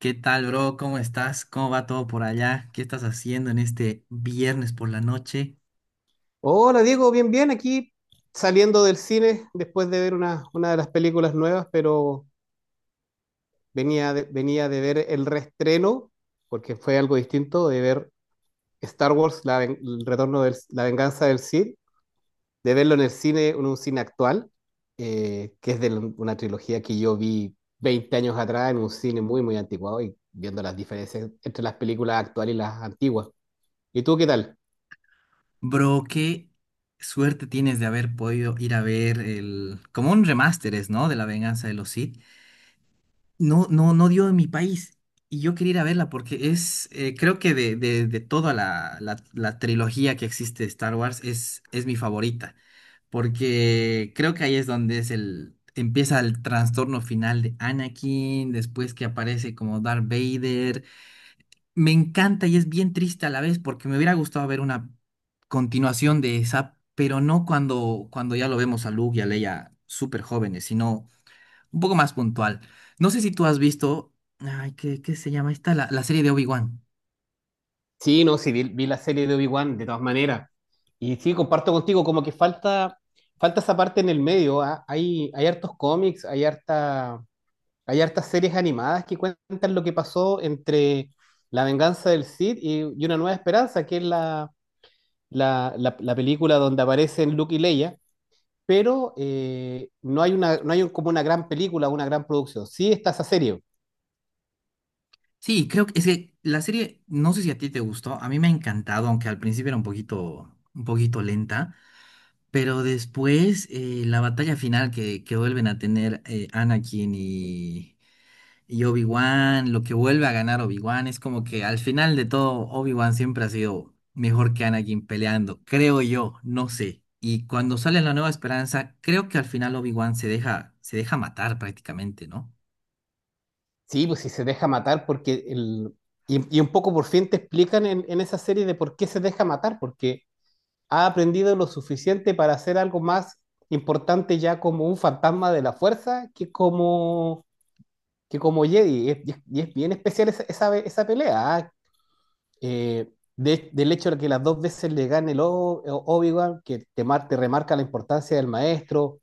¿Qué tal, bro? ¿Cómo estás? ¿Cómo va todo por allá? ¿Qué estás haciendo en este viernes por la noche? Hola Diego, bien, bien, aquí saliendo del cine después de ver una de las películas nuevas, pero venía de ver el reestreno, porque fue algo distinto, de ver Star Wars, el retorno de la venganza del Sith, de verlo en el cine, en un cine actual, que es una trilogía que yo vi 20 años atrás en un cine muy, muy anticuado, y viendo las diferencias entre las películas actuales y las antiguas. ¿Y tú qué tal? Bro, qué suerte tienes de haber podido ir a ver el... como un remaster es, ¿no? De La Venganza de los Sith. No, no, dio en mi país. Y yo quería ir a verla porque es, creo que de toda la trilogía que existe de Star Wars es mi favorita. Porque creo que ahí es donde es el, empieza el trastorno final de Anakin, después que aparece como Darth Vader. Me encanta y es bien triste a la vez porque me hubiera gustado ver una continuación de esa, pero no cuando ya lo vemos a Luke y a Leia súper jóvenes, sino un poco más puntual. No sé si tú has visto, ay, ¿qué se llama esta? La serie de Obi-Wan. Sí, no, sí, vi la serie de Obi-Wan de todas maneras. Y sí, comparto contigo, como que falta, falta esa parte en el medio. Hay, hay hartos cómics, hay harta, hay hartas series animadas que cuentan lo que pasó entre La venganza del Sith y Una nueva esperanza, que es la película donde aparecen Luke y Leia. Pero no hay una, no hay un- como una gran película, una gran producción. Sí está esa serie. Sí, creo que es que la serie, no sé si a ti te gustó, a mí me ha encantado, aunque al principio era un poquito lenta. Pero después, la batalla final que vuelven a tener Anakin y Obi-Wan, lo que vuelve a ganar Obi-Wan, es como que al final de todo, Obi-Wan siempre ha sido mejor que Anakin peleando, creo yo, no sé. Y cuando sale La Nueva Esperanza, creo que al final Obi-Wan se deja matar prácticamente, ¿no? Sí, pues si se deja matar, porque y un poco por fin te explican en esa serie de por qué se deja matar, porque ha aprendido lo suficiente para hacer algo más importante ya como un fantasma de la fuerza que que como Jedi. Y es, y es bien especial esa pelea. ¿Ah? Eh, del hecho de que las dos veces le gane Obi-Wan, que te remarca la importancia del maestro,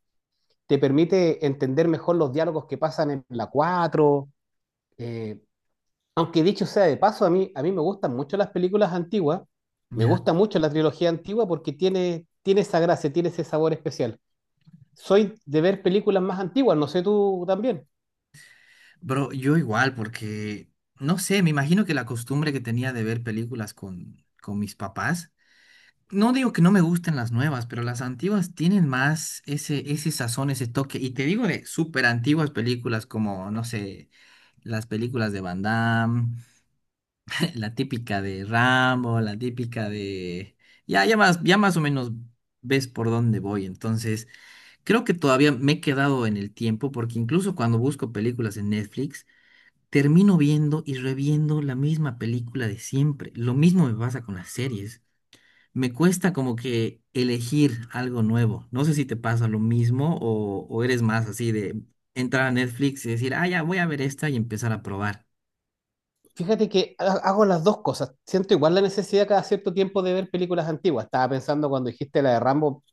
te permite entender mejor los diálogos que pasan en la cuatro. eh, Aunque dicho sea de paso, a mí me gustan mucho las películas antiguas, me Ya. gusta mucho la trilogía antigua porque tiene, tiene esa gracia, tiene ese sabor especial. Soy de ver películas más antiguas, no sé tú también. Bro, yo igual, porque, no sé, me imagino que la costumbre que tenía de ver películas con mis papás. No digo que no me gusten las nuevas, pero las antiguas tienen más ese, ese sazón, ese toque. Y te digo de súper antiguas películas como, no sé, las películas de Van Damme, la típica de Rambo, la típica de... Ya, ya más o menos ves por dónde voy. Entonces, creo que todavía me he quedado en el tiempo porque incluso cuando busco películas en Netflix, termino viendo y reviendo la misma película de siempre. Lo mismo me pasa con las series, me cuesta como que elegir algo nuevo. No sé si te pasa lo mismo o eres más así de entrar a Netflix y decir, ah, ya voy a ver esta y empezar a probar. Fíjate que hago las dos cosas. Siento igual la necesidad cada cierto tiempo de ver películas antiguas. Estaba pensando cuando dijiste la de Rambo,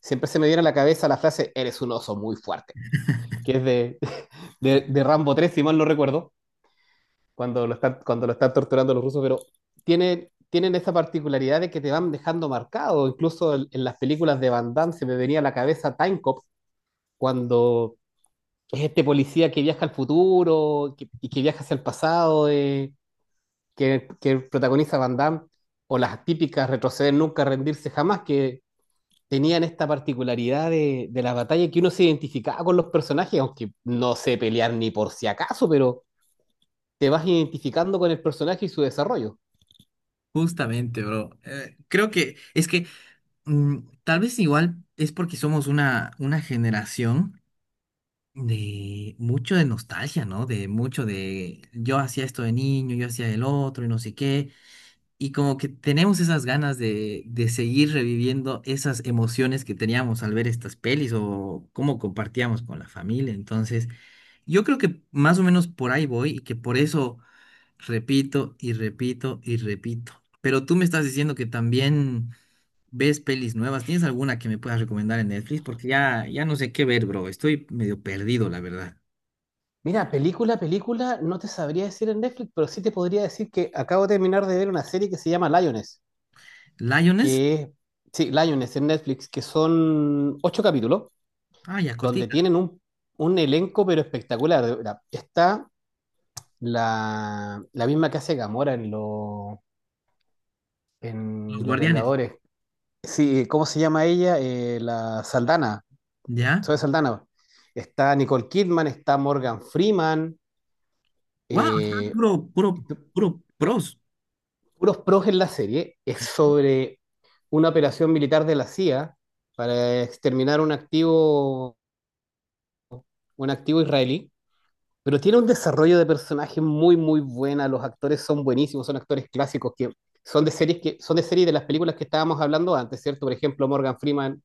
siempre se me viene a la cabeza la frase, eres un oso muy fuerte, que es de, de Rambo tres, si mal no recuerdo. Cuando lo están torturando los rusos, pero tienen, tienen esa particularidad de que te van dejando marcado. Incluso en las películas de Van Damme se me venía a la cabeza Time Cop, cuando es este policía que viaja al futuro y que viaja hacia el pasado, que protagoniza Van Damme, o las típicas retroceder nunca, rendirse jamás, que tenían esta particularidad de la batalla, que uno se identificaba con los personajes, aunque no sé pelear ni por si acaso, pero te vas identificando con el personaje y su desarrollo. Justamente, bro. Creo que es que mm, tal vez igual es porque somos una generación de mucho de nostalgia, ¿no? De mucho de yo hacía esto de niño, yo hacía el otro y no sé qué. Y como que tenemos esas ganas de seguir reviviendo esas emociones que teníamos al ver estas pelis o cómo compartíamos con la familia. Entonces, yo creo que más o menos por ahí voy y que por eso repito y repito y repito. Pero tú me estás diciendo que también ves pelis nuevas. ¿Tienes alguna que me puedas recomendar en Netflix? Porque ya, ya no sé qué ver, bro. Estoy medio perdido, la verdad. Mira, película, película, no te sabría decir en Netflix, pero sí te podría decir que acabo de terminar de ver una serie que se llama Lioness, ¿Lioness? que es, sí, Lioness en Netflix, que son 8 capítulos, Ah, ya, donde cortita. tienen un elenco pero espectacular. De verdad. Está la, la misma que hace Gamora en, Los en Los Guardianes. Vengadores. Sí, ¿cómo se llama ella? La Saldana, Zoe ¿Ya? Saldana. Está Nicole Kidman, está Morgan Freeman. ¡Wow! eh, Puro, puro, puro pros. Puros pros en la serie. Es sobre una operación militar de la CIA para exterminar un activo israelí, pero tiene un desarrollo de personaje muy, muy buena, los actores son buenísimos, son actores clásicos, que son de series, que son de series, de las películas que estábamos hablando antes, ¿cierto? Por ejemplo, Morgan Freeman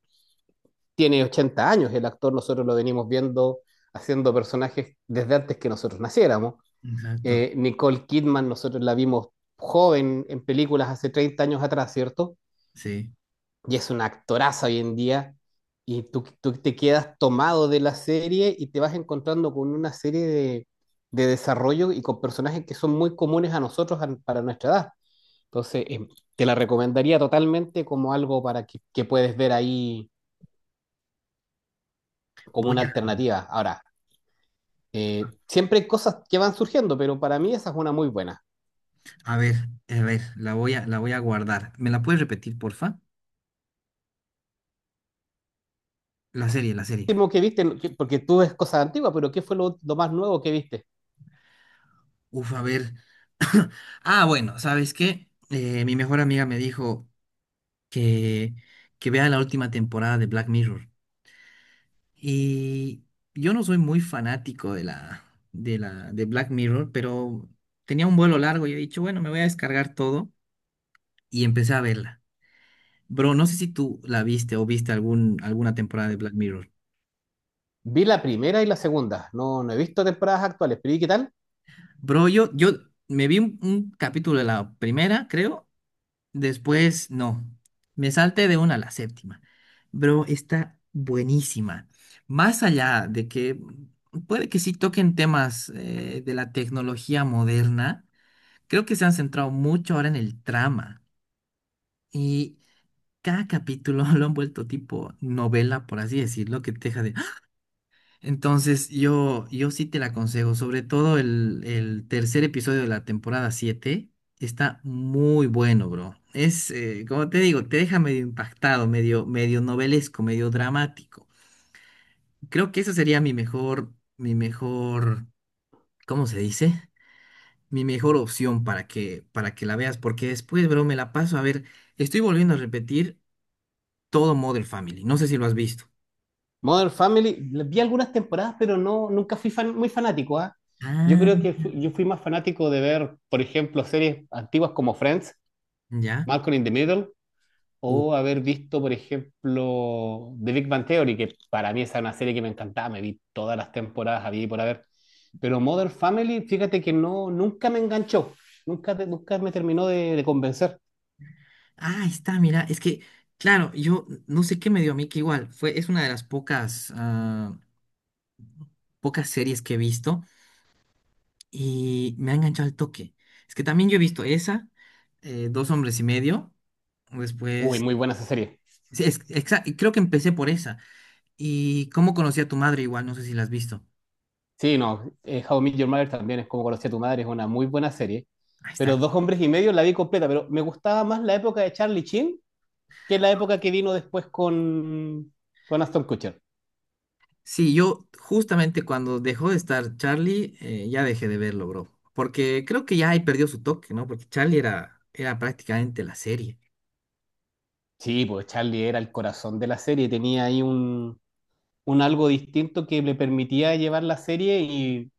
tiene 80 años, el actor, nosotros lo venimos viendo haciendo personajes desde antes que nosotros naciéramos. Exacto, Nicole Kidman nosotros la vimos joven en películas hace 30 años atrás, ¿cierto? sí. Y es una actoraza hoy en día, y tú te quedas tomado de la serie y te vas encontrando con una serie de desarrollo y con personajes que son muy comunes a nosotros para nuestra edad. Entonces, te la recomendaría totalmente como algo para que puedes ver ahí como Voy una alternativa. Ahora, siempre hay cosas que van surgiendo, pero para mí esa es una muy buena. a, a ver, a ver, la voy a guardar. ¿Me la puedes repetir, porfa? La serie, la serie. Último que viste, porque tú ves cosas antiguas, pero ¿qué fue lo más nuevo que viste? Uf, a ver. Ah, bueno, ¿sabes qué? Mi mejor amiga me dijo que, que vea la última temporada de Black Mirror. Y yo no soy muy fanático de de Black Mirror, pero tenía un vuelo largo y he dicho, bueno, me voy a descargar todo y empecé a verla. Bro, no sé si tú la viste o viste alguna temporada de Black Mirror. Vi la primera y la segunda, no, no he visto temporadas actuales, pero ¿y qué tal? Bro, yo me vi un capítulo de la primera, creo. Después, no. Me salté de una a la séptima. Bro, está buenísima. Más allá de que puede que sí toquen temas de la tecnología moderna, creo que se han centrado mucho ahora en el trama. Y cada capítulo lo han vuelto tipo novela, por así decirlo, que te deja. Entonces, yo sí te la aconsejo, sobre todo el tercer episodio de la temporada 7 está muy bueno, bro. Es, como te digo, te deja medio impactado, medio, medio novelesco, medio dramático. Creo que esa sería mi mejor, ¿cómo se dice? Mi mejor opción para para que la veas, porque después, bro, me la paso a ver. Estoy volviendo a repetir todo Modern Family. No sé si lo has visto. Modern Family, vi algunas temporadas, pero no, nunca muy fanático, ¿ah? Yo creo Ah, que yo fui más fanático de ver, por ejemplo, series antiguas como Friends, ¿ya? Malcolm in the Middle, o haber visto, por ejemplo, The Big Bang Theory, que para mí esa era una serie que me encantaba, me vi todas las temporadas, había y por haber. Pero Modern Family, fíjate que no, nunca me enganchó, nunca, nunca me terminó de convencer. Ah, ahí está, mira, es que, claro, yo no sé qué me dio a mí, que igual fue, es una de las pocas, ah, pocas series que he visto y me ha enganchado al toque. Es que también yo he visto esa, Dos hombres y medio, Uy, después, muy buena esa serie. sí, es- exa- y creo que empecé por esa. Y cómo conocí a tu madre, igual, no sé si la has visto. Sí, no, How I Met Your Mother, también es como conocí a tu madre, es una muy buena serie. Ahí Pero está. Dos Hombres y Medio la vi completa, pero me gustaba más la época de Charlie Sheen que la época que vino después con Aston Kutcher. Sí, yo justamente cuando dejó de estar Charlie, ya dejé de verlo, bro. Porque creo que ya ahí perdió su toque, ¿no? Porque Charlie era prácticamente la serie. Sí, pues Charlie era el corazón de la serie, tenía ahí un algo distinto que le permitía llevar la serie, y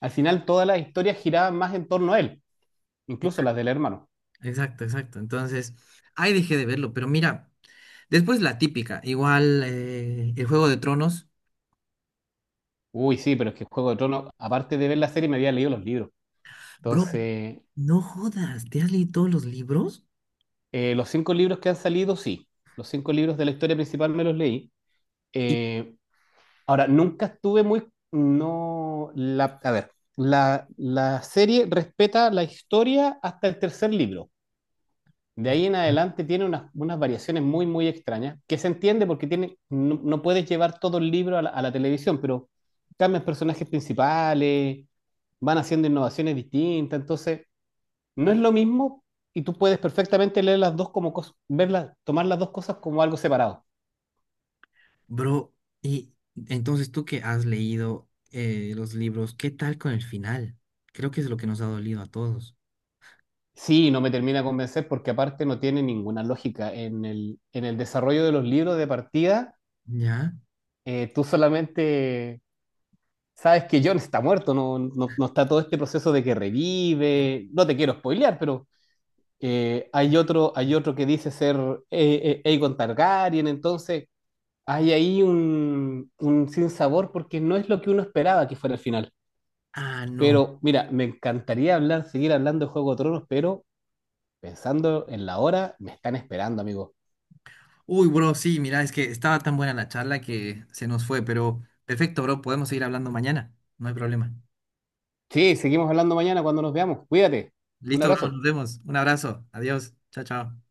al final todas las historias giraban más en torno a él, incluso las del hermano. Exacto, exacto. Entonces, ahí dejé de verlo, pero mira, después la típica, igual el Juego de Tronos. Uy, sí, pero es que Juego de Tronos, aparte de ver la serie, me había leído los libros. Bro, Entonces, no jodas, ¿te has leído todos los libros? Los 5 libros que han salido, sí. Los cinco libros de la historia principal me los leí. Y- Eh, Ahora, nunca estuve muy... No, a ver, la serie respeta la historia hasta el tercer libro. De y- ahí en adelante tiene unas, unas variaciones muy, muy extrañas, que se entiende porque tiene, no, no puedes llevar todo el libro a a la televisión, pero cambian personajes principales, van haciendo innovaciones distintas, entonces no es lo mismo, y tú puedes perfectamente leer las dos como cosas, verlas, tomar las dos cosas como algo separado. Bro, y entonces tú que has leído los libros, ¿qué tal con el final? Creo que es lo que nos ha dolido a todos. Sí, no me termina de convencer porque aparte no tiene ninguna lógica. En el desarrollo de los libros de partida, ¿Ya? Tú solamente sabes que John está muerto, no, no, no está todo este proceso de que revive. No te quiero spoilear, pero hay otro que dice ser Aegon Targaryen, entonces hay ahí un sinsabor porque no es lo que uno esperaba que fuera el final. Ah, no. Pero mira, me encantaría hablar, seguir hablando de Juego de Tronos, pero pensando en la hora, me están esperando, amigo. Uy, bro, sí, mira, es que estaba tan buena la charla que se nos fue, pero perfecto, bro, podemos seguir hablando mañana, no hay problema. Sí, seguimos hablando mañana cuando nos veamos. Cuídate. Un Listo, bro, nos abrazo. vemos. Un abrazo. Adiós. Chao, chao.